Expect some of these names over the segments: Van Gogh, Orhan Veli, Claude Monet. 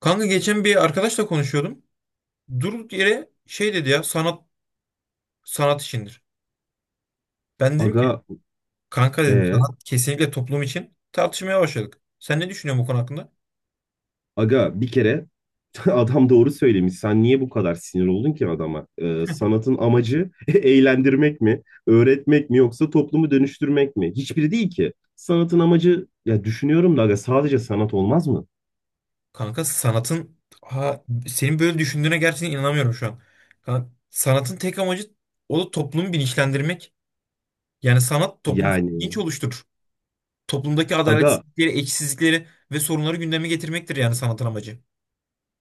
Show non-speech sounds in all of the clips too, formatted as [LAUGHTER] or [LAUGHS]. Kanka geçen bir arkadaşla konuşuyordum. Durduk yere şey dedi ya, sanat sanat işindir. Ben dedim ki Aga, kanka, dedim, e, sanat kesinlikle toplum için, tartışmaya başladık. Sen ne düşünüyorsun bu konu hakkında? aga bir kere [LAUGHS] adam doğru söylemiş. Sen niye bu kadar sinir oldun ki adama? Sanatın amacı [LAUGHS] eğlendirmek mi, öğretmek mi yoksa toplumu dönüştürmek mi? Hiçbiri değil ki. Sanatın amacı ya düşünüyorum da aga sadece sanat olmaz mı? Kanka sanatın senin böyle düşündüğüne gerçekten inanamıyorum şu an. Kanka, sanatın tek amacı o da toplumu bilinçlendirmek. Yani sanat toplumsal bilinç Yani oluşturur. Toplumdaki aga adaletsizlikleri, eksizlikleri ve sorunları gündeme getirmektir yani sanatın amacı.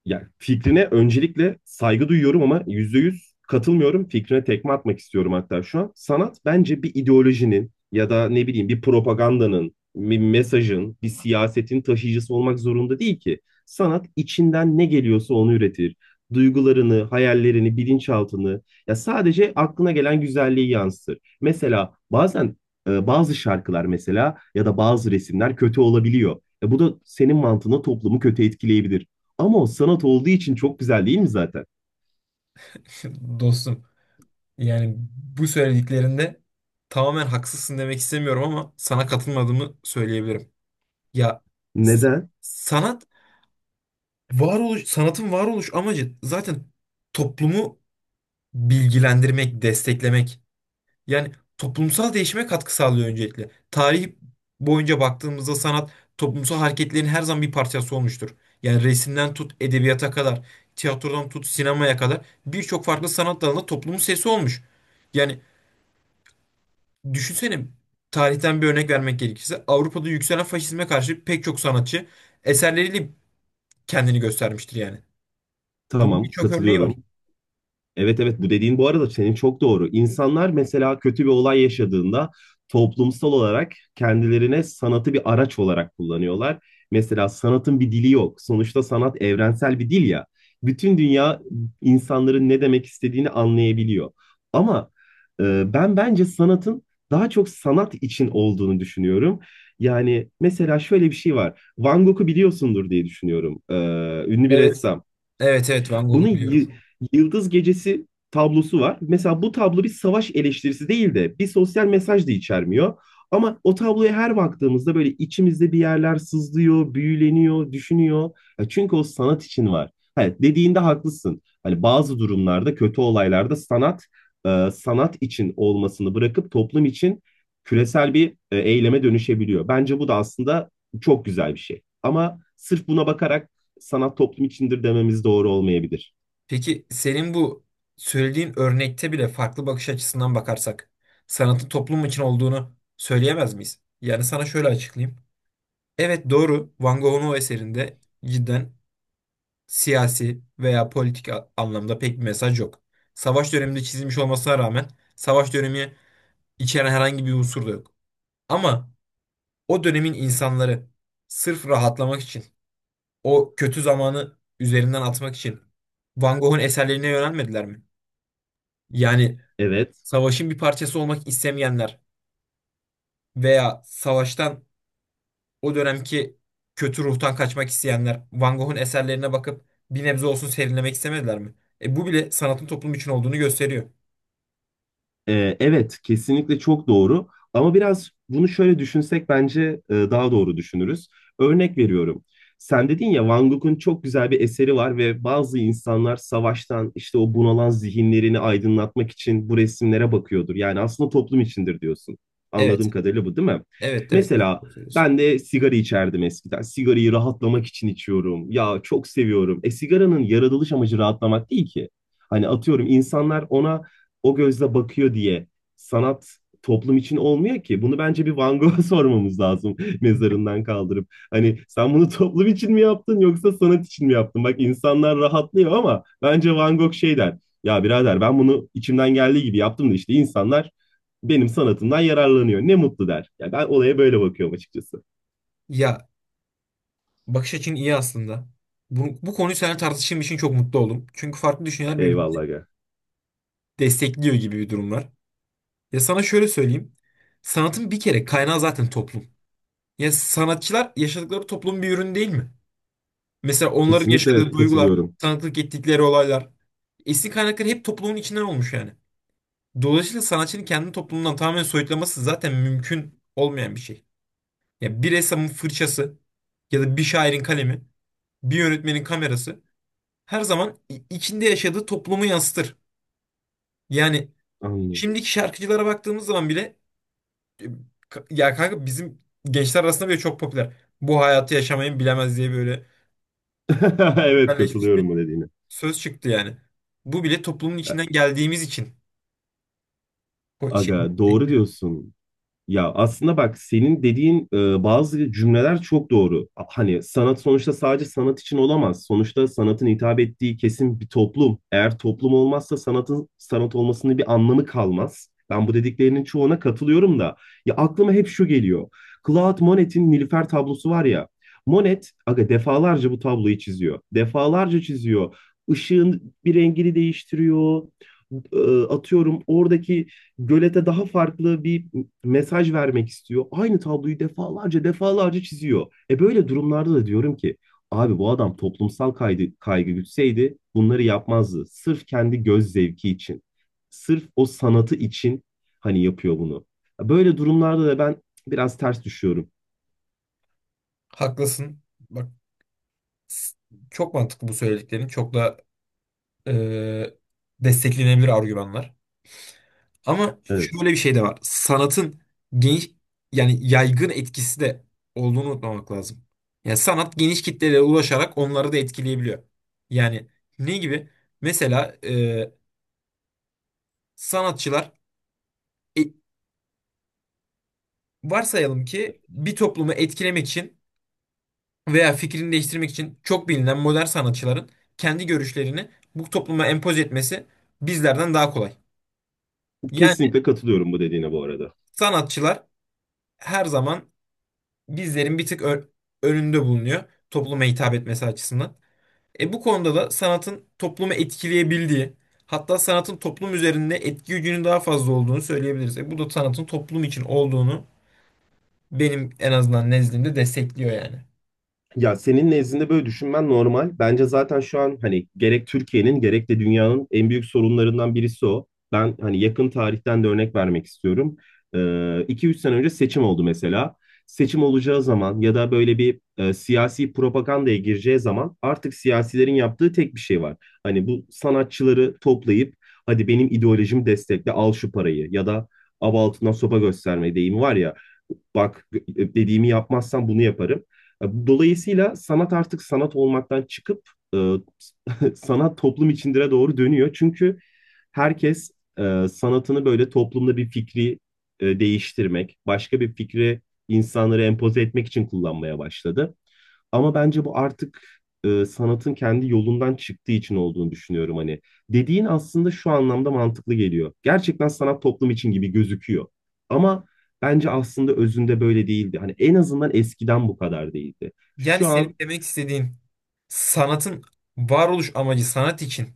Ya fikrine öncelikle saygı duyuyorum ama yüzde yüz katılmıyorum. Fikrine tekme atmak istiyorum hatta şu an. Sanat bence bir ideolojinin ya da ne bileyim bir propagandanın, bir mesajın, bir siyasetin taşıyıcısı olmak zorunda değil ki. Sanat içinden ne geliyorsa onu üretir. Duygularını, hayallerini, bilinçaltını ya sadece aklına gelen güzelliği yansıtır. Mesela bazen bazı şarkılar mesela ya da bazı resimler kötü olabiliyor. Bu da senin mantığına toplumu kötü etkileyebilir. Ama o sanat olduğu için çok güzel değil mi zaten? [LAUGHS] Dostum. Yani bu söylediklerinde tamamen haksızsın demek istemiyorum ama sana katılmadığımı söyleyebilirim. Ya s- Neden? sanat varoluş sanatın varoluş amacı zaten toplumu bilgilendirmek, desteklemek. Yani toplumsal değişime katkı sağlıyor öncelikle. Tarih boyunca baktığımızda sanat toplumsal hareketlerin her zaman bir parçası olmuştur. Yani resimden tut edebiyata kadar, tiyatrodan tut sinemaya kadar birçok farklı sanat dalında toplumun sesi olmuş. Yani düşünsene, tarihten bir örnek vermek gerekirse Avrupa'da yükselen faşizme karşı pek çok sanatçı eserleriyle kendini göstermiştir yani. Bunun Tamam, birçok örneği katılıyorum. var. Evet, evet, bu dediğin bu arada senin çok doğru. İnsanlar mesela kötü bir olay yaşadığında toplumsal olarak kendilerine sanatı bir araç olarak kullanıyorlar. Mesela sanatın bir dili yok. Sonuçta sanat evrensel bir dil ya. Bütün dünya insanların ne demek istediğini anlayabiliyor. Ama ben bence sanatın daha çok sanat için olduğunu düşünüyorum. Yani mesela şöyle bir şey var. Van Gogh'u biliyorsundur diye düşünüyorum. Ünlü bir Evet. ressam. Evet, evet, Van Bunun Gogh'u y- biliyorum. Yıldız Gecesi tablosu var. Mesela bu tablo bir savaş eleştirisi değil de bir sosyal mesaj da içermiyor. Ama o tabloya her baktığımızda böyle içimizde bir yerler sızlıyor, büyüleniyor, düşünüyor. Ya çünkü o sanat için var. Evet, dediğinde haklısın. Hani bazı durumlarda, kötü olaylarda sanat sanat için olmasını bırakıp toplum için küresel bir eyleme dönüşebiliyor. Bence bu da aslında çok güzel bir şey. Ama sırf buna bakarak sanat toplum içindir dememiz doğru olmayabilir. Peki senin bu söylediğin örnekte bile farklı bakış açısından bakarsak sanatın toplum için olduğunu söyleyemez miyiz? Yani sana şöyle açıklayayım. Evet doğru, Van Gogh'un o eserinde cidden siyasi veya politik anlamda pek bir mesaj yok. Savaş döneminde çizilmiş olmasına rağmen savaş dönemi içeren herhangi bir unsur da yok. Ama o dönemin insanları sırf rahatlamak için, o kötü zamanı üzerinden atmak için Van Gogh'un eserlerine yönelmediler mi? Yani Evet. savaşın bir parçası olmak istemeyenler veya savaştan o dönemki kötü ruhtan kaçmak isteyenler Van Gogh'un eserlerine bakıp bir nebze olsun serinlemek istemediler mi? E bu bile sanatın toplum için olduğunu gösteriyor. Evet, kesinlikle çok doğru. Ama biraz bunu şöyle düşünsek bence daha doğru düşünürüz. Örnek veriyorum. Sen dedin ya Van Gogh'un çok güzel bir eseri var ve bazı insanlar savaştan işte o bunalan zihinlerini aydınlatmak için bu resimlere bakıyordur. Yani aslında toplum içindir diyorsun. Evet, Anladığım kadarıyla bu değil mi? evet, evet. Çok Mesela doğru söylüyorsun. ben de sigara içerdim eskiden. Sigarayı rahatlamak için içiyorum. Ya çok seviyorum. E sigaranın yaratılış amacı rahatlamak değil ki. Hani atıyorum insanlar ona o gözle bakıyor diye sanat toplum için olmuyor ki. Bunu bence bir Van Gogh'a [LAUGHS] sormamız lazım mezarından kaldırıp. Hani sen bunu toplum için mi yaptın yoksa sanat için mi yaptın? Bak insanlar rahatlıyor ama bence Van Gogh şey der. Ya birader ben bunu içimden geldiği gibi yaptım da işte insanlar benim sanatımdan yararlanıyor. Ne mutlu der. Ya ben olaya böyle bakıyorum açıkçası. Ya, bakış açın iyi aslında. Bu konuyu seninle tartıştığım için çok mutlu oldum. Çünkü farklı düşünceler birbirini Eyvallah aga. destekliyor gibi bir durum var. Ya sana şöyle söyleyeyim. Sanatın bir kere kaynağı zaten toplum. Ya sanatçılar yaşadıkları toplumun bir ürünü değil mi? Mesela onların Kesinlikle yaşadığı duygular, katılıyorum. tanıklık ettikleri olaylar. Esin kaynakları hep toplumun içinden olmuş yani. Dolayısıyla sanatçının kendi toplumundan tamamen soyutlaması zaten mümkün olmayan bir şey. Ya bir ressamın fırçası ya da bir şairin kalemi, bir yönetmenin kamerası her zaman içinde yaşadığı toplumu yansıtır. Yani Anladım. şimdiki şarkıcılara baktığımız zaman bile e, kanka bizim gençler arasında bile çok popüler. Bu hayatı yaşamayın bilemez diye böyle [LAUGHS] Evet, popülerleşmiş bir katılıyorum bu dediğine. söz çıktı yani. Bu bile toplumun içinden geldiğimiz için. O şey- Aga doğru diyorsun. Ya aslında bak senin dediğin bazı cümleler çok doğru. Hani sanat sonuçta sadece sanat için olamaz. Sonuçta sanatın hitap ettiği kesim bir toplum. Eğer toplum olmazsa sanatın sanat olmasının bir anlamı kalmaz. Ben bu dediklerinin çoğuna katılıyorum da. Ya aklıma hep şu geliyor. Claude Monet'in Nilüfer tablosu var ya. Monet aga defalarca bu tabloyu çiziyor. Defalarca çiziyor. Işığın bir rengini değiştiriyor. E, Atıyorum oradaki gölete daha farklı bir mesaj vermek istiyor. Aynı tabloyu defalarca defalarca çiziyor. E böyle durumlarda da diyorum ki abi bu adam toplumsal kaygı gütseydi bunları yapmazdı. Sırf kendi göz zevki için. Sırf o sanatı için hani yapıyor bunu. Böyle durumlarda da ben biraz ters düşüyorum. Haklısın. Bak, s- çok mantıklı bu söylediklerin. Çok da e, desteklenebilir argümanlar. Ama Evet. şöyle bir şey de var. Sanatın geniş, yani yaygın etkisi de olduğunu unutmamak lazım. Yani sanat geniş kitlelere ulaşarak onları da etkileyebiliyor. Yani ne gibi? Mesela sanatçılar, e, varsayalım ki bir toplumu etkilemek için veya fikrini değiştirmek için çok bilinen modern sanatçıların kendi görüşlerini bu topluma empoze etmesi bizlerden daha kolay. Yani Kesinlikle katılıyorum bu dediğine bu arada. sanatçılar her zaman bizlerin bir tık önünde bulunuyor topluma hitap etmesi açısından. E bu konuda da sanatın toplumu etkileyebildiği, hatta sanatın toplum üzerinde etki gücünün daha fazla olduğunu söyleyebiliriz. E bu da sanatın toplum için olduğunu benim en azından nezdimde destekliyor yani. Ya senin nezdinde böyle düşünmen normal. Bence zaten şu an hani gerek Türkiye'nin gerek de dünyanın en büyük sorunlarından birisi o. Ben hani yakın tarihten de örnek vermek istiyorum. Ee, 2-3 sene önce seçim oldu mesela. Seçim olacağı zaman ya da böyle bir siyasi propagandaya gireceği zaman artık siyasilerin yaptığı tek bir şey var. Hani bu sanatçıları toplayıp hadi benim ideolojimi destekle al şu parayı ya da av altından sopa gösterme deyimi var ya bak dediğimi yapmazsan bunu yaparım. Dolayısıyla sanat artık sanat olmaktan çıkıp e, [LAUGHS] sanat toplum içindire doğru dönüyor. Çünkü herkes sanatını böyle toplumda bir fikri değiştirmek, başka bir fikri insanlara empoze etmek için kullanmaya başladı. Ama bence bu artık sanatın kendi yolundan çıktığı için olduğunu düşünüyorum hani. Dediğin aslında şu anlamda mantıklı geliyor. Gerçekten sanat toplum için gibi gözüküyor. Ama bence aslında özünde böyle değildi. Hani en azından eskiden bu kadar değildi. Yani Şu senin an demek istediğin sanatın varoluş amacı sanat için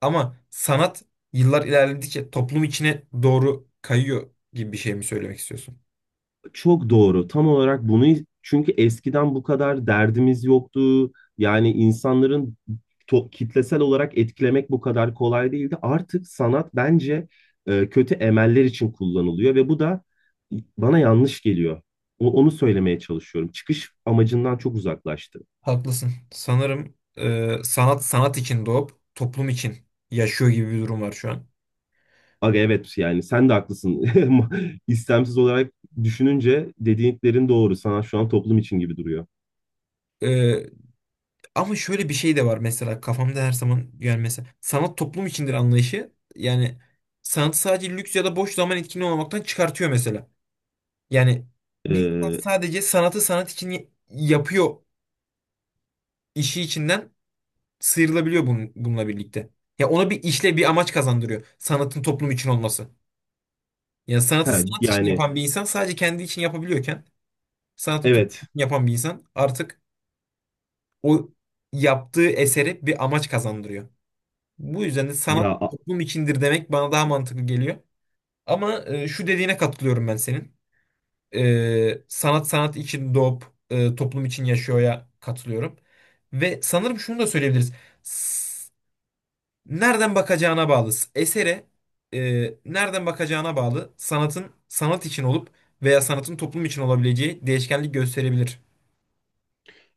ama sanat yıllar ilerledikçe toplum içine doğru kayıyor gibi bir şey mi söylemek istiyorsun? çok doğru. Tam olarak bunu çünkü eskiden bu kadar derdimiz yoktu. Yani insanların kitlesel olarak etkilemek bu kadar kolay değildi. Artık sanat bence kötü emeller için kullanılıyor ve bu da bana yanlış geliyor. Onu söylemeye çalışıyorum. Çıkış amacından çok uzaklaştı. Haklısın. Sanırım sanat sanat için doğup toplum için yaşıyor gibi bir durum var şu an. Aga evet, yani sen de haklısın. [LAUGHS] İstemsiz olarak düşününce dediklerin doğru. Sanat şu an toplum için gibi duruyor. E, Ama şöyle bir şey de var mesela kafamda her zaman, yani mesela sanat toplum içindir anlayışı yani sanatı sadece lüks ya da boş zaman etkinliği olmaktan çıkartıyor mesela. Yani bir insan Ee, sadece sanatı sanat için yapıyor, işi içinden sıyrılabiliyor bunun, bununla birlikte. Ya ona bir işle bir amaç kazandırıyor sanatın toplum için olması. Yani he, sanatı sanat için yani yapan bir insan sadece kendi için yapabiliyorken sanatın toplum evet. yapan bir insan artık o yaptığı eseri bir amaç kazandırıyor. Bu yüzden de sanat Ya toplum içindir demek bana daha mantıklı geliyor. Ama şu dediğine katılıyorum ben senin. Sanat sanat için doğup toplum için yaşıyor'ya katılıyorum. Ve sanırım şunu da söyleyebiliriz. S- Nereden bakacağına bağlı. Esere nereden bakacağına bağlı sanatın sanat için olup veya sanatın toplum için olabileceği değişkenlik gösterebilir.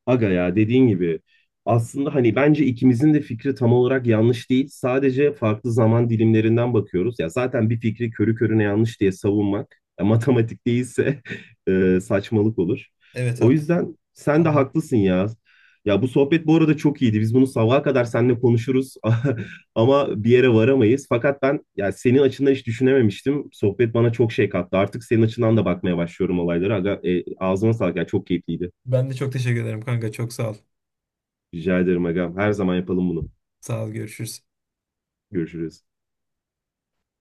Aga ya dediğin gibi aslında hani bence ikimizin de fikri tam olarak yanlış değil. Sadece farklı zaman dilimlerinden bakıyoruz. Ya zaten bir fikri körü körüne yanlış diye savunmak ya matematik değilse [LAUGHS] saçmalık olur. Evet O haklısın. yüzden sen de Tamam. haklısın ya. Ya bu sohbet bu arada çok iyiydi. Biz bunu sabaha kadar seninle konuşuruz [LAUGHS] ama bir yere varamayız. Fakat ben ya senin açından hiç düşünememiştim. Sohbet bana çok şey kattı. Artık senin açından da bakmaya başlıyorum olaylara. Aga, ağzına sağlık. Ya çok keyifliydi. Ben de çok teşekkür ederim kanka. Çok sağ ol. Rica ederim agam. Her zaman yapalım bunu. Sağ ol. Görüşürüz. Görüşürüz.